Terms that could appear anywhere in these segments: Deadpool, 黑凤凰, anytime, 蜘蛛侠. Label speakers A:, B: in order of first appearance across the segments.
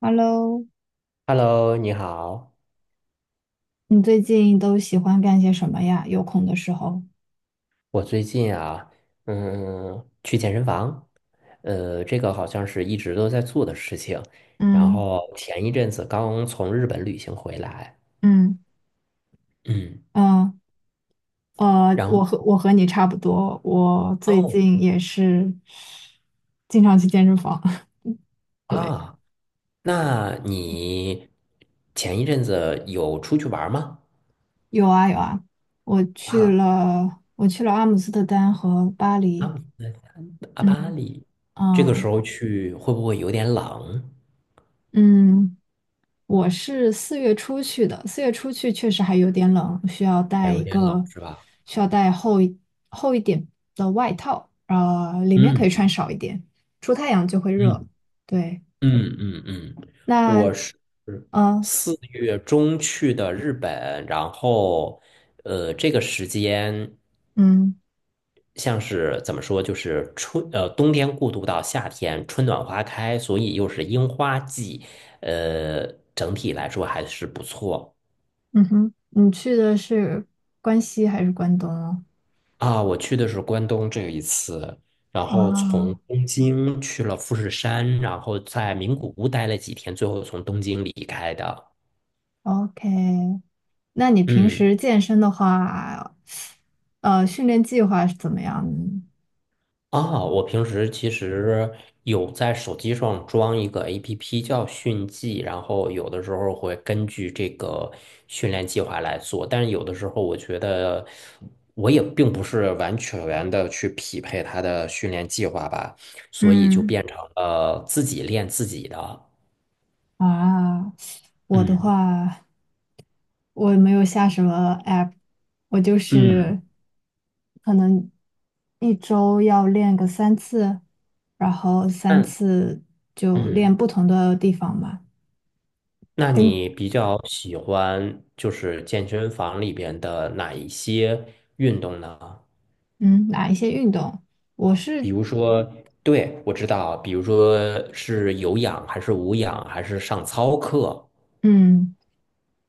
A: Hello，
B: Hello，你好。
A: 你最近都喜欢干些什么呀？有空的时候，
B: 我最近啊，去健身房，这个好像是一直都在做的事情。然
A: 嗯
B: 后前一阵子刚从日本旅行回来，
A: 嗯
B: 嗯，
A: 嗯
B: 然后
A: 我和你差不多，我最
B: 哦
A: 近也是经常去健身房。对，
B: 啊，那你前一阵子有出去玩儿吗？
A: 有啊有啊，我去
B: 啊，
A: 了阿姆斯特丹和巴
B: 阿
A: 黎，
B: 姆斯阿巴
A: 嗯
B: 里，这个
A: 啊
B: 时候去会不会有点冷？
A: 嗯，我是四月初去的，四月初去确实还有点冷，需要
B: 还
A: 带
B: 有
A: 一
B: 点冷
A: 个，
B: 是吧？
A: 需要带厚一点的外套，里面可以
B: 嗯
A: 穿少一点，出太阳就会热。
B: 嗯
A: 对，
B: 嗯嗯嗯，
A: 那
B: 我是
A: 呃，
B: 4月中去的日本，然后这个时间
A: 嗯
B: 像是怎么说，就是冬天过渡到夏天，春暖花开，所以又是樱花季，呃，整体来说还是不错
A: 嗯哼，你去的是关西还是关东哦？
B: 啊。我去的是关东这一次，然后从
A: 啊
B: 东京去了富士山，然后在名古屋待了几天，最后从东京离开的。
A: ，OK，那你平
B: 嗯
A: 时健身的话，训练计划是怎么样的呢？
B: 啊，我平时其实有在手机上装一个 APP 叫迅记，然后有的时候会根据这个训练计划来做，但是有的时候我觉得我也并不是完全的去匹配它的训练计划吧，所以就
A: 嗯
B: 变成了自己练自己的。
A: 啊，我的
B: 嗯
A: 话。我没有下什么 app，我就
B: 嗯，
A: 是可能1周要练个三次，然后三
B: 那
A: 次就练
B: 嗯，
A: 不同的地方嘛，
B: 那
A: 跟
B: 你比较喜欢就是健身房里边的哪一些运动呢？
A: 嗯哪一些运动。我
B: 比
A: 是
B: 如说，对，我知道，比如说是有氧还是无氧，还是上操课，
A: 嗯，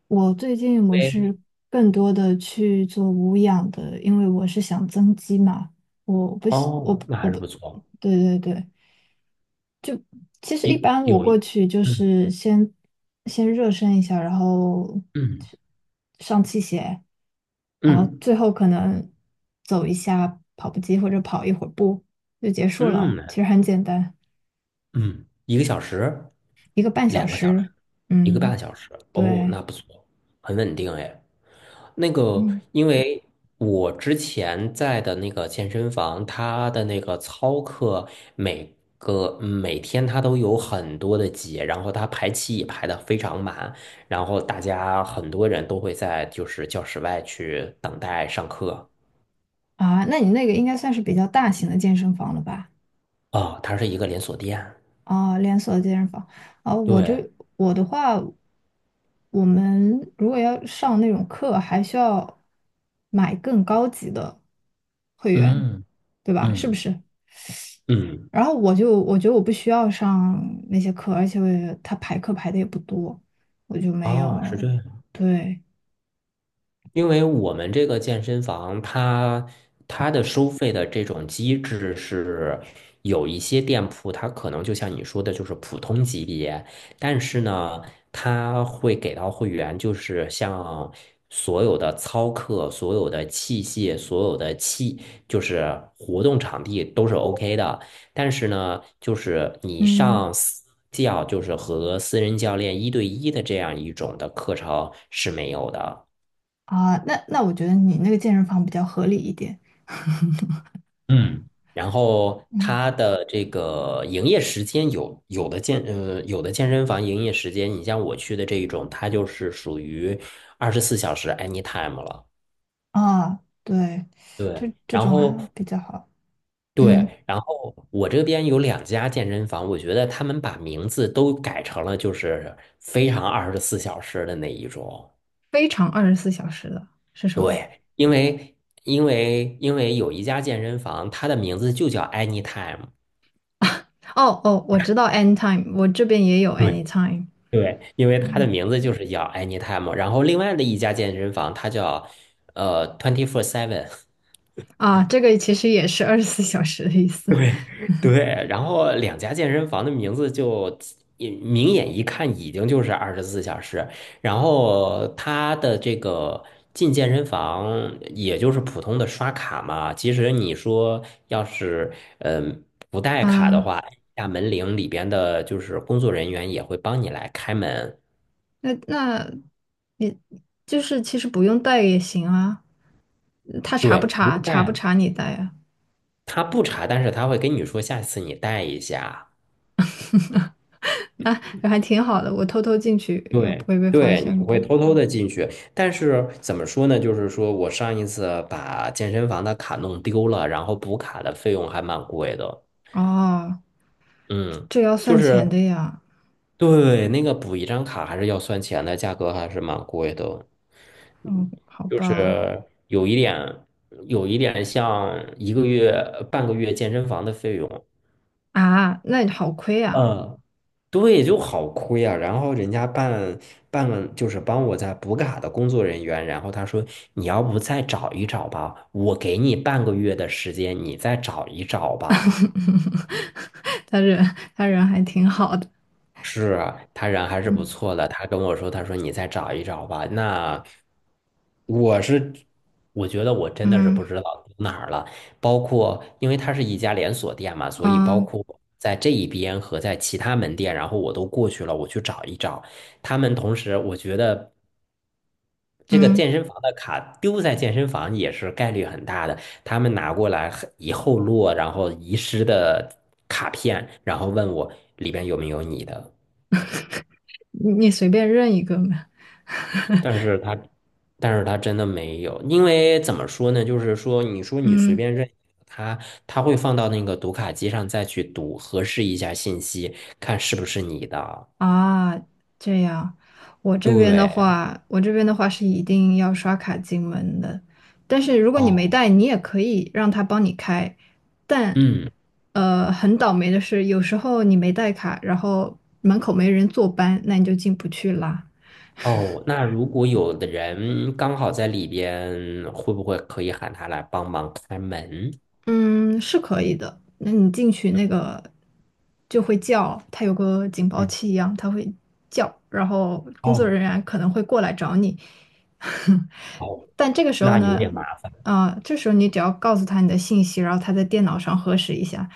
A: 我最近我是
B: 对，
A: 更多的去做无氧的，因为我是想增肌嘛，我不喜我
B: 哦，
A: 不
B: 那
A: 我
B: 还是
A: 不
B: 不错，
A: 对对对，其实一
B: 有
A: 般我
B: 有，
A: 过去就
B: 嗯
A: 是先热身一下，然后
B: 嗯
A: 上器械，然后
B: 嗯
A: 最后可能走一下跑步机或者跑一会儿步就结束了。
B: 嗯，
A: 其实很简单，
B: 嗯，1个小时，
A: 一个半小
B: 两个小
A: 时。
B: 时，一个半
A: 嗯，
B: 小时，哦，那
A: 对，
B: 不错，很稳定哎。那个，
A: 嗯，
B: 因为我之前在的那个健身房，它的那个操课每天它都有很多的节，然后它排期也排的非常满，然后大家很多人都会在就是教室外去等待上课。
A: 啊，那你那个应该算是比较大型的健身房了吧？
B: 哦，它是一个连锁店。
A: 啊，连锁健身房啊，
B: 对，
A: 我的话，我们如果要上那种课，还需要买更高级的会员，
B: 嗯
A: 对吧？是不
B: 嗯，
A: 是？
B: 嗯，
A: 然后我觉得我不需要上那些课，而且我也，他排课排的也不多，我就没
B: 哦，是这
A: 有，
B: 样。
A: 对，
B: 因为我们这个健身房它的收费的这种机制是有一些店铺，它可能就像你说的，就是普通级别，但是呢，它会给到会员，就是像所有的操课、所有的器械、所有的器，就是活动场地都是 OK 的，但是呢，就是你
A: 嗯
B: 上私教，就是和私人教练一对一的这样一种的课程是没有的。
A: 那我觉得你那个健身房比较合理一点，
B: 嗯然后
A: 嗯
B: 它的这个营业时间有的健身房营业时间，你像我去的这一种，它就是属于二十四小时 anytime 了。
A: 对，
B: 对，
A: 这
B: 然
A: 种
B: 后
A: 还比较好，嗯。
B: 对，然后我这边有两家健身房，我觉得他们把名字都改成了就是非常二十四小时的那一种。
A: 非常二十四小时的是什么？
B: 对，因为有一家健身房，它的名字就叫 anytime。
A: 哦哦，我知道 anytime，我这边也有
B: 对。
A: anytime。
B: 对，因为它的
A: 嗯
B: 名字就是叫 Anytime，然后另外的一家健身房它叫Twenty Four Seven，
A: 这个其实也是二十四小时的意思。
B: 对，然后两家健身房的名字就也明眼一看已经就是二十四小时，然后它的这个进健身房也就是普通的刷卡嘛，其实你说要是嗯不带卡的
A: 嗯，
B: 话，按下门铃里边的就是工作人员也会帮你来开门，
A: 那你就是其实不用带也行啊，他查不
B: 对，不
A: 查？查不
B: 带。
A: 查你带啊？
B: 他不查，但是他会跟你说下次你带一下。
A: 那还挺好的，我偷偷进去也不
B: 对，
A: 会被发
B: 对，你
A: 现
B: 会
A: 吧？
B: 偷偷的进去，但是怎么说呢？就是说我上一次把健身房的卡弄丢了，然后补卡的费用还蛮贵的。
A: 哦，
B: 嗯，
A: 这要
B: 就
A: 算
B: 是
A: 钱的呀。
B: 对那个补一张卡还是要算钱的，价格还是蛮贵的。嗯，
A: 哦，好
B: 就
A: 吧。
B: 是有一点，像一个月、半个月健身房的费用。
A: 啊，那好亏啊。
B: 嗯。对，就好亏啊。然后人家办了，就是帮我在补卡的工作人员，然后他说你要不再找一找吧，我给你半个月的时间，你再找一找吧。
A: 他人还挺好的，
B: 是啊，他人还是不
A: 嗯
B: 错的。他跟我说，他说你再找一找吧。那我是，我觉得我真的是
A: 嗯
B: 不知道丢哪儿了。包括因为它是一家连锁店嘛，所以包
A: 嗯
B: 括在这一边和在其他门店，然后我都过去了，我去找一找。他们同时，我觉得这个
A: 嗯，
B: 健身房的卡丢在健身房也是概率很大的。他们拿过来以后落，然后遗失的卡片，然后问我里边有没有你的。
A: 你随便认一个嘛，
B: 但是他，但是他真的没有，因为怎么说呢？就是说，你说你随
A: 嗯
B: 便认他，他会放到那个读卡机上再去读，核实一下信息，看是不是你的。
A: 啊这样，我这边的
B: 对，
A: 话，是一定要刷卡进门的，但是如果你没
B: 哦，
A: 带，你也可以让他帮你开，但
B: 嗯，
A: 呃很倒霉的是，有时候你没带卡，然后门口没人坐班，那你就进不去啦。
B: 哦，那如果有的人刚好在里边，会不会可以喊他来帮忙开门？
A: 嗯，是可以的。那你进去那个就会叫，它有个警报
B: 嗯，
A: 器一样，它会叫，然后工作
B: 哦，
A: 人员可能会过来找你。
B: 哦，
A: 但这个时候
B: 那有
A: 呢，
B: 点麻烦。
A: 啊、这时候你只要告诉他你的信息，然后他在电脑上核实一下，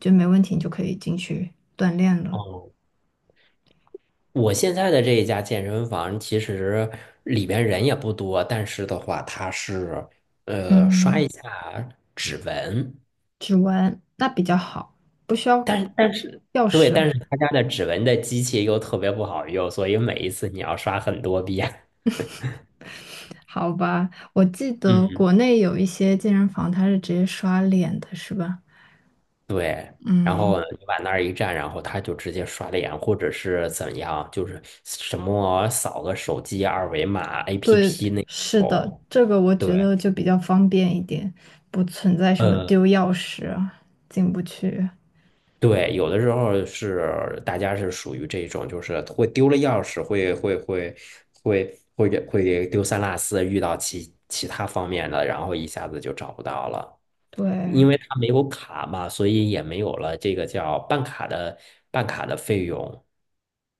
A: 就没问题，你就可以进去锻炼了。
B: 哦。我现在的这一家健身房，其实里边人也不多，但是的话，它是刷一
A: 嗯，
B: 下指纹，
A: 指纹那比较好，不需要
B: 但是
A: 钥
B: 对，但
A: 匙。
B: 是他家的指纹的机器又特别不好用，所以每一次你要刷很多遍。
A: 好吧，我记得
B: 嗯，
A: 国内有一些健身房，它是直接刷脸的，是吧？
B: 对。然后
A: 嗯，
B: 你往那儿一站，然后他就直接刷脸，或者是怎样，就是什么扫个手机二维码
A: 对，
B: APP 那
A: 是的，
B: 种。
A: 这个我觉
B: 对。
A: 得就比较方便一点，不存在什么
B: 呃
A: 丢钥匙啊进不去。
B: 对，有的时候是大家是属于这种，就是会丢了钥匙，会丢三落四，遇到其他方面的，然后一下子就找不到了，因
A: 对，
B: 为他没有卡嘛，所以也没有了这个叫办卡的费用。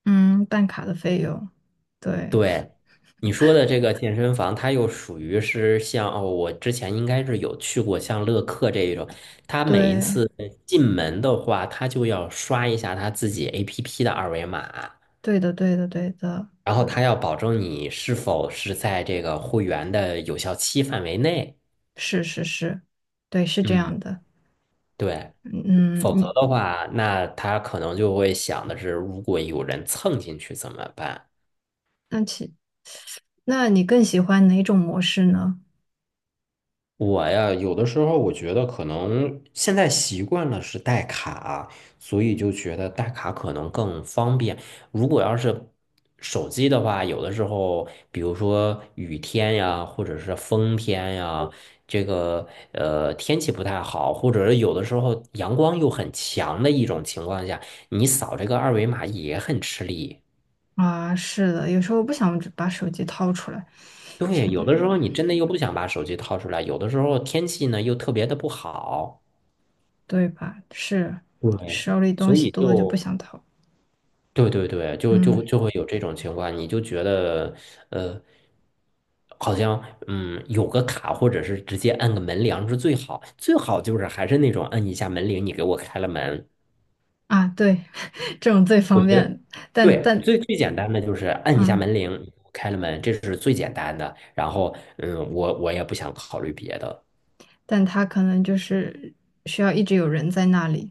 A: 嗯，办卡的费用，对，
B: 对，你说的这个健身房，它又属于是我之前应该是有去过像乐客这一种，它每一
A: 对，
B: 次进门的话，它就要刷一下它自己 APP 的二维码，
A: 对的，对的，对的，
B: 然后他要保证你是否是在这个会员的有效期范围内。
A: 是是是，对，是这
B: 嗯，
A: 样的。
B: 对，
A: 嗯，
B: 否则
A: 你
B: 的话，那他可能就会想的是，如果有人蹭进去怎么办？
A: 那其那你更喜欢哪种模式呢？
B: 我呀，有的时候我觉得可能现在习惯了是带卡啊，所以就觉得带卡可能更方便。如果要是手机的话，有的时候，比如说雨天呀，或者是风天呀，这个天气不太好，或者是有的时候阳光又很强的一种情况下，你扫这个二维码也很吃力。
A: 啊，是的，有时候我不想把手机掏出来。
B: 对，
A: 挺
B: 有的时候你真的又不想把手机掏出来，有的时候天气呢又特别的不好。
A: 对吧？是，
B: 对，
A: 手里东
B: 所
A: 西
B: 以
A: 多就不
B: 就
A: 想投，
B: 对对对，就
A: 嗯
B: 就就会有这种情况，你就觉得呃，好像有个卡，或者是直接按个门铃是最好，最好就是还是那种按一下门铃，你给我开了门。
A: 对，这种最
B: 我
A: 方
B: 觉得
A: 便，但
B: 对，
A: 但
B: 最最简单的就是按一下
A: 嗯，
B: 门铃，开了门，这是最简单的。然后我也不想考虑别的。
A: 但他可能就是需要一直有人在那里，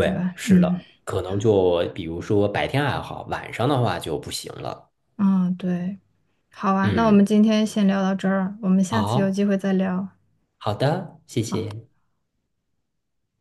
A: 对吧？
B: 是
A: 嗯
B: 的，可能就比如说白天还好，晚上的话就不行了。
A: 嗯，对，好啊，那我
B: 嗯，
A: 们今天先聊到这儿啊，我们下次有机
B: 好。
A: 会再聊。
B: 好的，谢谢，